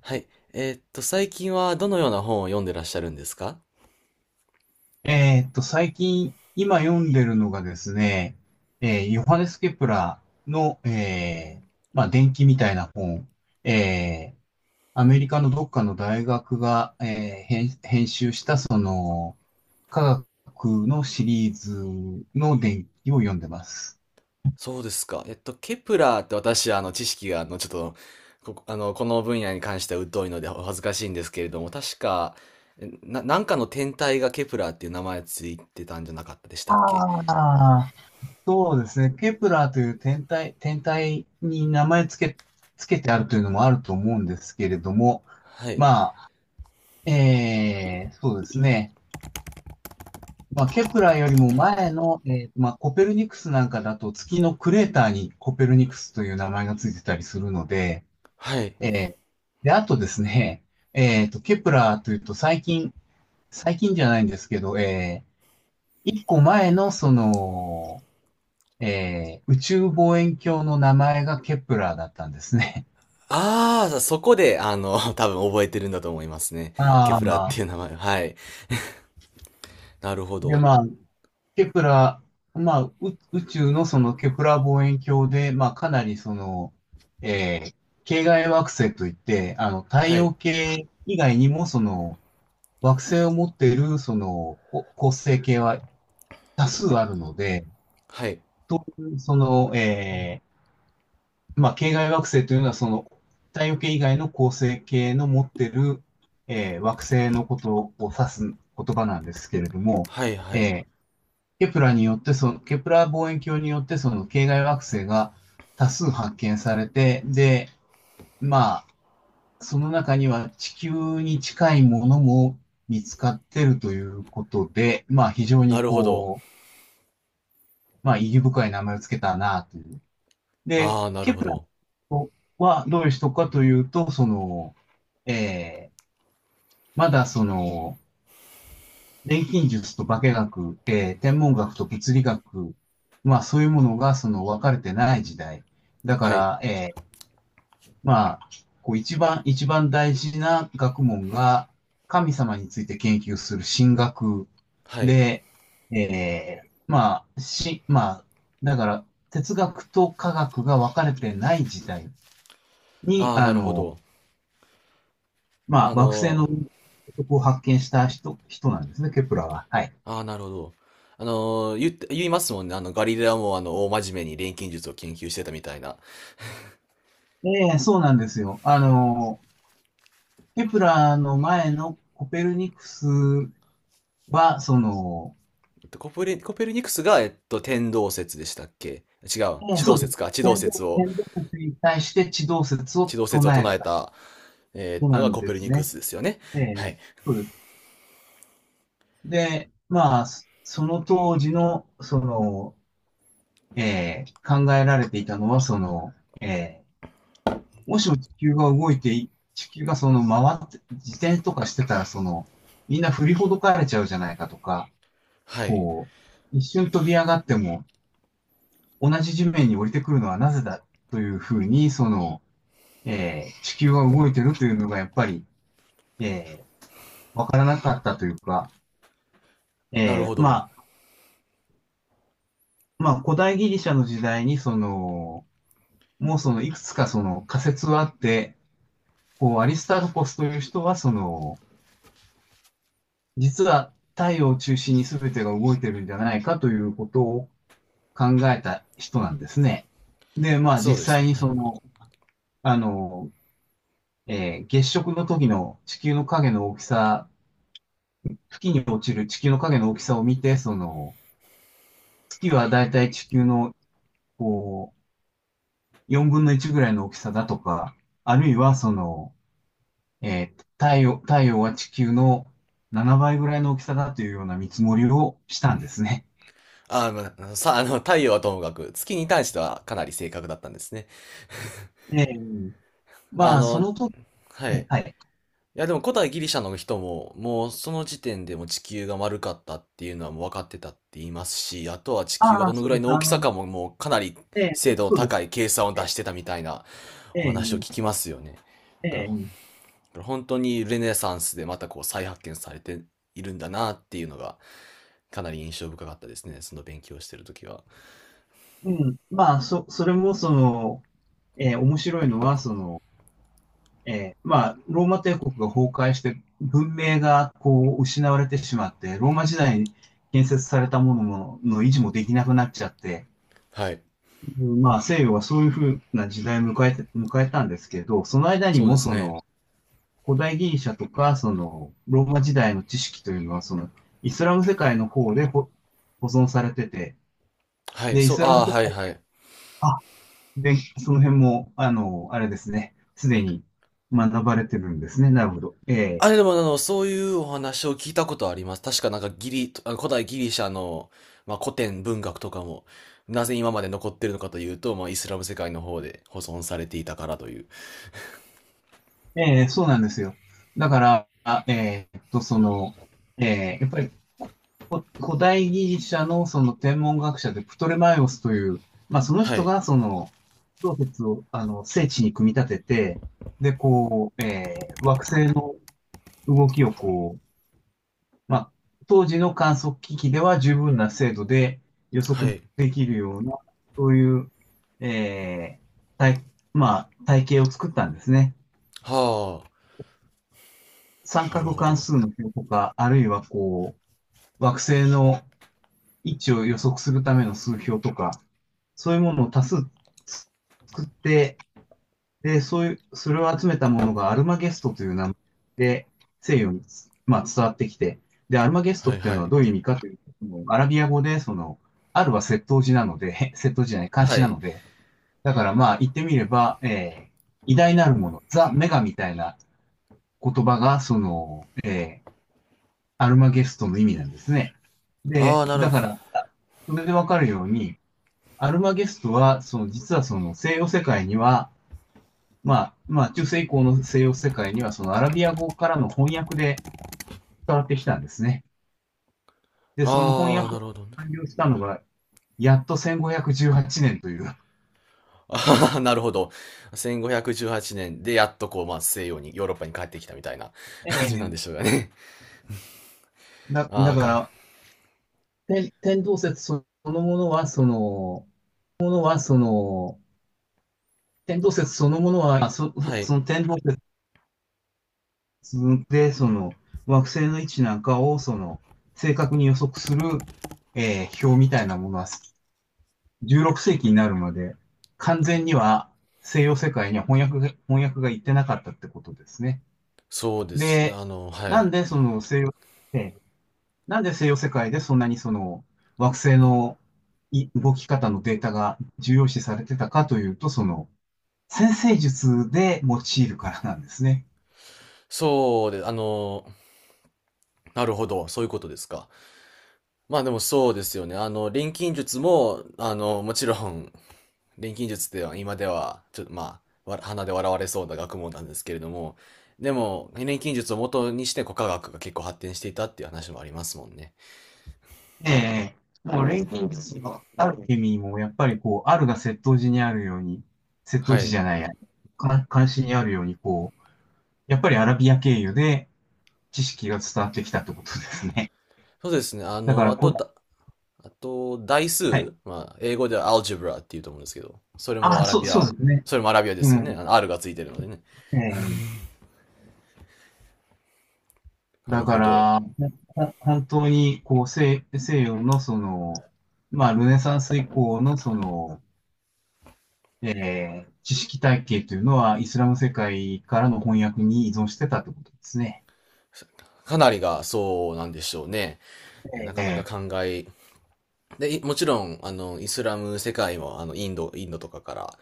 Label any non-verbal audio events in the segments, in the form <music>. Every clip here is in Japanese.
はい。最近はどのような本を読んでらっしゃるんですか？最近、今読んでるのがですね、ヨハネス・ケプラーの、伝記みたいな本、えーアメリカのどっかの大学が、編集した、その、科学のシリーズの伝記を読んでます。そうですか。ケプラーって私、知識が、あの、ちょっと、こ、あの、この分野に関しては疎いのでお恥ずかしいんですけれども、確か、なんかの天体がケプラーっていう名前ついてたんじゃなかったでしたっけ？ああ、そうですね、ケプラーという天体に名前つけ、つけてあるというのもあると思うんですけれども、はい。まあ、そうですね。まあ、ケプラーよりも前の、まあ、コペルニクスなんかだと月のクレーターにコペルニクスという名前がついてたりするので、はい。えーで、あとですね、ケプラーというと最近、最近じゃないんですけど、一個前のその、宇宙望遠鏡の名前がケプラーだったんですね。ああ、そこで、<laughs> 多分覚えてるんだと思いますね。<laughs> ケあプラーっていあ、う名前。はい。なるほで、ど。まあ、ケプラ、まあ、宇宙のそのケプラ望遠鏡で、まあ、かなりその、えー系外惑星といって、あの、太はい。陽系以外にもその、惑星を持っているその、恒星系は多数あるので、はい。そういうその、まあ、系外惑星というのはその、太陽系以外の恒星系の持っている、惑星のことを指す言葉なんですけれども、はい、はい。えーケプラによってその、ケプラ望遠鏡によってその系外惑星が多数発見されて、で、まあ、その中には地球に近いものも見つかってるということで、まあ非常なにるほど。こう、まあ意義深い名前をつけたなという。で、ああ、なるケほプラど。はどういう人かというと、その、えーまだその、錬金術と化学、えー天文学と物理学、まあそういうものがその分かれてない時代。だかはい。ら、まあ、こう一番大事な学問が神様について研究する神学はい。で、まあ、だから哲学と科学が分かれてない時代に、ああ、あなるほの、ど。まああ惑星の、のを発見した人なんですね、ケプラは。はい。ああ、なるほど。あの、言って、言いますもんね。ガリレオも、大真面目に錬金術を研究してたみたいな。ええ、そうなんですよ。あの、ケプラーの前のコペルニクスは、その、コペルニクスが、天動説でしたっけ？違う。ね、地動そう説でか。す。天動説に対して地動説地を動説を唱え唱えたた、え人ーのながんコでペルすニクね。スですよね。えはえ、い。そうです。で、まあ、その当時の、その、ええ、考えられていたのは、その、ええ、もしも地球が動いてい、地球がその回って、自転とかしてたら、その、みんな振りほどかれちゃうじゃないかとか、はい。こう、一瞬飛び上がっても、同じ地面に降りてくるのはなぜだというふうに、その、地球が動いてるというのがやっぱり、えわからなかったというか、なるほど。まあ、まあ、古代ギリシャの時代に、その、もうその、いくつかその仮説はあって、こう、アリスタルコスという人は、その、実は太陽を中心に全てが動いてるんじゃないかということを考えた人なんですね。で、まあ、そう実です際ね。にはい。その、あの、月食の時の地球の影の大きさ、月に落ちる地球の影の大きさを見て、その、月はだいたい地球の、こう、4分の1ぐらいの大きさだとか、あるいは、その、太陽は地球の7倍ぐらいの大きさだというような見積もりをしたんですね。あの、まあさ、あの、太陽はともかく、月に対してはかなり正確だったんですね。ええ、あまあ、その、のと、はええ、い。はい。いやでも古代ギリシャの人ももうその時点でもう地球が丸かったっていうのはもう分かってたって言いますし、あとは地球がああ、どのそぐうらでいす。の大あきさの、かももうかなりええ、精度のそ、そうで高す。い計算を出えしてたみたいなえ、お話を聞ええ、きますよね。だからえだかえ、ら本当にルネサンスでまたこう再発見されているんだなっていうのがかなり印象深かったですね。その勉強をしてる時は。うん。まあ、そ、それも、その、ええ、面白いのは、その、ええ、まあ、ローマ帝国が崩壊して、文明がこう失われてしまって、ローマ時代に建設されたもの、もの維持もできなくなっちゃって、はい。うん、まあ、西洋はそういうふうな時代を迎えて、迎えたんですけど、その間にそうでもすそね。の、古代ギリシャとか、その、ローマ時代の知識というのは、その、イスラム世界の方で保存されてて、はい。で、イそう、スラあムあ、世はい界、はい。あ、で、その辺も、あの、あれですね、すでに学ばれてるんですね。なるほど。あれでも、そういうお話を聞いたことあります。確かなんかギリ、あの古代ギリシャの、まあ、古典文学とかも、なぜ今まで残ってるのかというと、まあ、イスラム世界の方で保存されていたからという。ええ、そうなんですよ。だから、その、やっぱり古代ギリシャのその天文学者でプトレマイオスという、まあそのは人い。がその、洞窟を、あの、聖地に組み立てて、で、こう、惑星の動きをこう、まあ、当時の観測機器では十分な精度で予は測い。できるような、そういう、えー体、まあ、体系を作ったんですね。は三あ。なる角ほ関ど。数の表とか、あるいはこう、惑星の位置を予測するための数標とか、そういうものを多数作って、で、そういう、それを集めたものがアルマゲストという名前で西洋に、まあ、伝わってきて、で、アルマゲストはっいていうはのはい。どういう意味かというと、アラビア語で、その、アルは窃盗時なので、<laughs> 窃盗時じゃない、監は視ない。ので、だからまあ言ってみれば、偉大なるもの、ザ・メガみたいな言葉が、その、アルマゲストの意味なんですね。あで、あ、なる、だから、それでわかるように、アルマゲストは、その実はその西洋世界には、まあ中世以降の西洋世界には、そのアラビア語からの翻訳で伝わってきたんですね。で、その翻ああ、訳ながるほどね。完了したのが、やっと1518年という。ああ、<laughs> なるほど。1518年でやっとこう、まあ、西洋に、ヨーロッパに帰ってきたみたいな <laughs> 感じなんでええ、しょうかね。だ、あだあ、かかん、ら、天動説そのものは、その、はその、天動説そのものは、はそい。の天動説自分で、その惑星の位置なんかをその正確に予測する、表みたいなものは16世紀になるまで完全には西洋世界には翻訳が行ってなかったってことですね。そうです。で、はなんい。でその西洋、えーなんで西洋世界でそんなにその惑星の動き方のデータが重要視されてたかというと、その先生術で用いるからなんですね。そうで、あの、なるほど、そういうことですか。まあでもそうですよね。錬金術も、もちろん、錬金術では今では、ちょっとまあ、わ鼻で笑われそうな学問なんですけれども、でも、錬金術を元にして古科学が結構発展していたっていう話もありますもんね。ええ、もう錬金術のある意味も、やっぱりこう、あるが窃盗時にあるように、窃盗は時じい。ゃないや、か監視にあるように、こう、やっぱりアラビア経由で知識が伝わってきたってことですね。そうですね。あ <laughs> だかの、らあとこ、だ、あと、代はい。数、まあ、英語ではアルジブラっていうと思うんですけど、あ、そう、そうですね。それもアラビアでうすよね。ん。あの R がついてるのでね。ええ、なだるかほど。ら、本当に、こう、西、西洋のその、まあ、ルネサンス以降のその、ええ、知識体系というのは、イスラム世界からの翻訳に依存してたってことですね。かなりがそうなんでしょうね。えなかなかえ、考え。で、もちろん、イスラム世界も、インドとかから、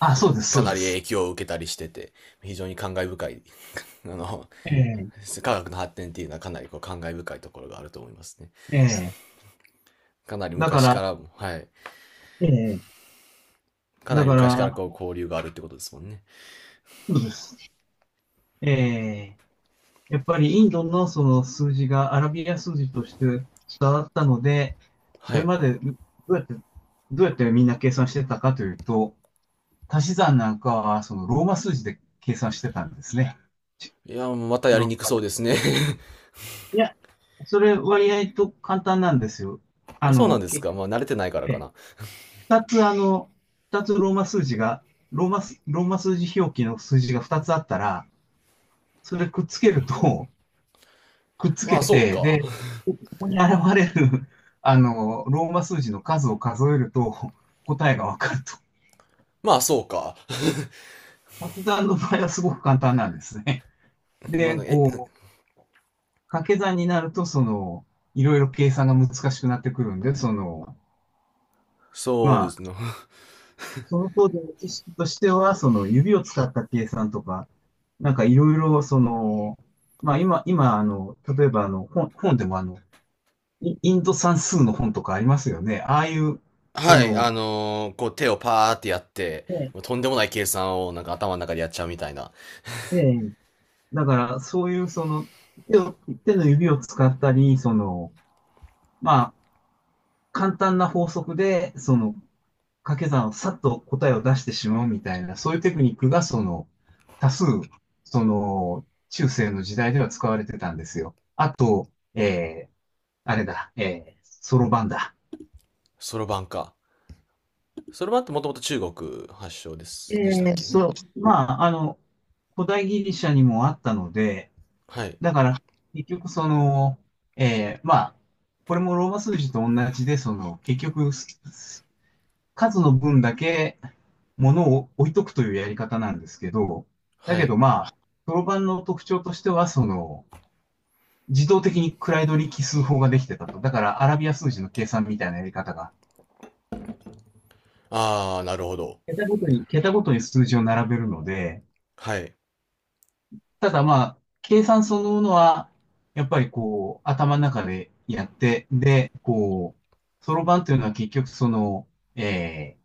あ、そうです、かそうなでり影す。響を受けたりしてて、非常に感慨深い、<laughs> あの、ええ、科学の発展っていうのはかなりこう感慨深いところがあると思いますね。ええ、かなりだか昔ら、からも、はい。ええ、かなだりか昔からら、こう交流があるってことですもんね。そうです。ええ、やっぱりインドのその数字がアラビア数字として伝わったので、そはれい。までどうやって、どうやってみんな計算してたかというと、足し算なんかはそのローマ数字で計算してたんですね。いや、またやヨりーロッにくパそうで。ですね。<laughs> いや、それ割合と簡単なんですよ。ああそうなの、んです結か。局、まあ、慣れてないからかえな。二つあの、二つローマ数字が、ローマす、ローマ数字表記の数字が二つあったら、それくっつけると、くっつまけあ、そうて、か。で、ここに現れる、あの、ローマ数字の数を数えると、答えがわかると。まあ、そうか。掛け算の場合はすごく簡単なんですね。<laughs> まで、あ、え、こう、掛け算になると、その、いろいろ計算が難しくなってくるんで、その、そうでますあ、ね。<laughs> その方での知識としては、その指を使った計算とか、なんかいろいろ、その、まあ今、今、あの、例えばあの、本、本でもあの、イインド算数の本とかありますよね。ああいう、そはい、の、こう手をパーってやって、えとんでもない計算をなんか頭の中でやっちゃうみたいな。え、ええ、だからそういうその、手を手の指を使ったり、その、まあ、簡単な法則で、その、掛け算をさっと答えを出してしまうみたいな、そういうテクニックが、その、多数、その、中世の時代では使われてたんですよ。あと、あれだ、そろばんだ。そろばんか。そろばんってもともと中国発祥でえす。でしたっえ、けね。そう、まあ、あの、古代ギリシャにもあったので、はい。だから、結局その、まあ、これもローマ数字と同じで、その、結局、数の分だけ物を置いとくというやり方なんですけど、だはけどい。まあ、そろロんの特徴としては、その、自動的に位取り奇数法ができてたと。だから、アラビア数字の計算みたいなやり方が、あー、なるほど。桁ごとに、桁ごとに数字を並べるので、はい。ただまあ、計算そのものは、やっぱりこう、頭の中でやって、で、こう、そろばんというのは結局その、えー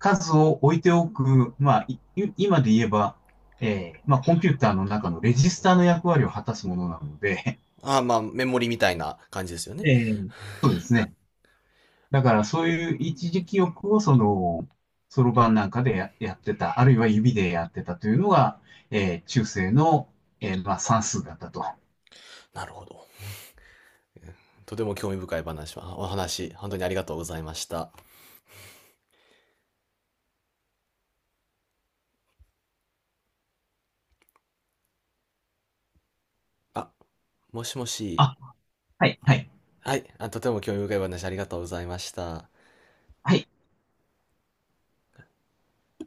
数を置いておく、まあ、今で言えば、まあ、コンピューターの中のレジスターの役割を果たすものなので、あー、まあ、メモリみたいな感じですよ <laughs> ね。えーそうですね。だからそういう一時記憶をその、そろばんなんかでやってた、あるいは指でやってたというのが、中世の、まあ、算数だったと。なるほど。とても興味深い話は、お話、本当にありがとうございました。あ、もしもし。あ、はい、はい、はい。あ、とても興味深い話ありがとうございました。はい。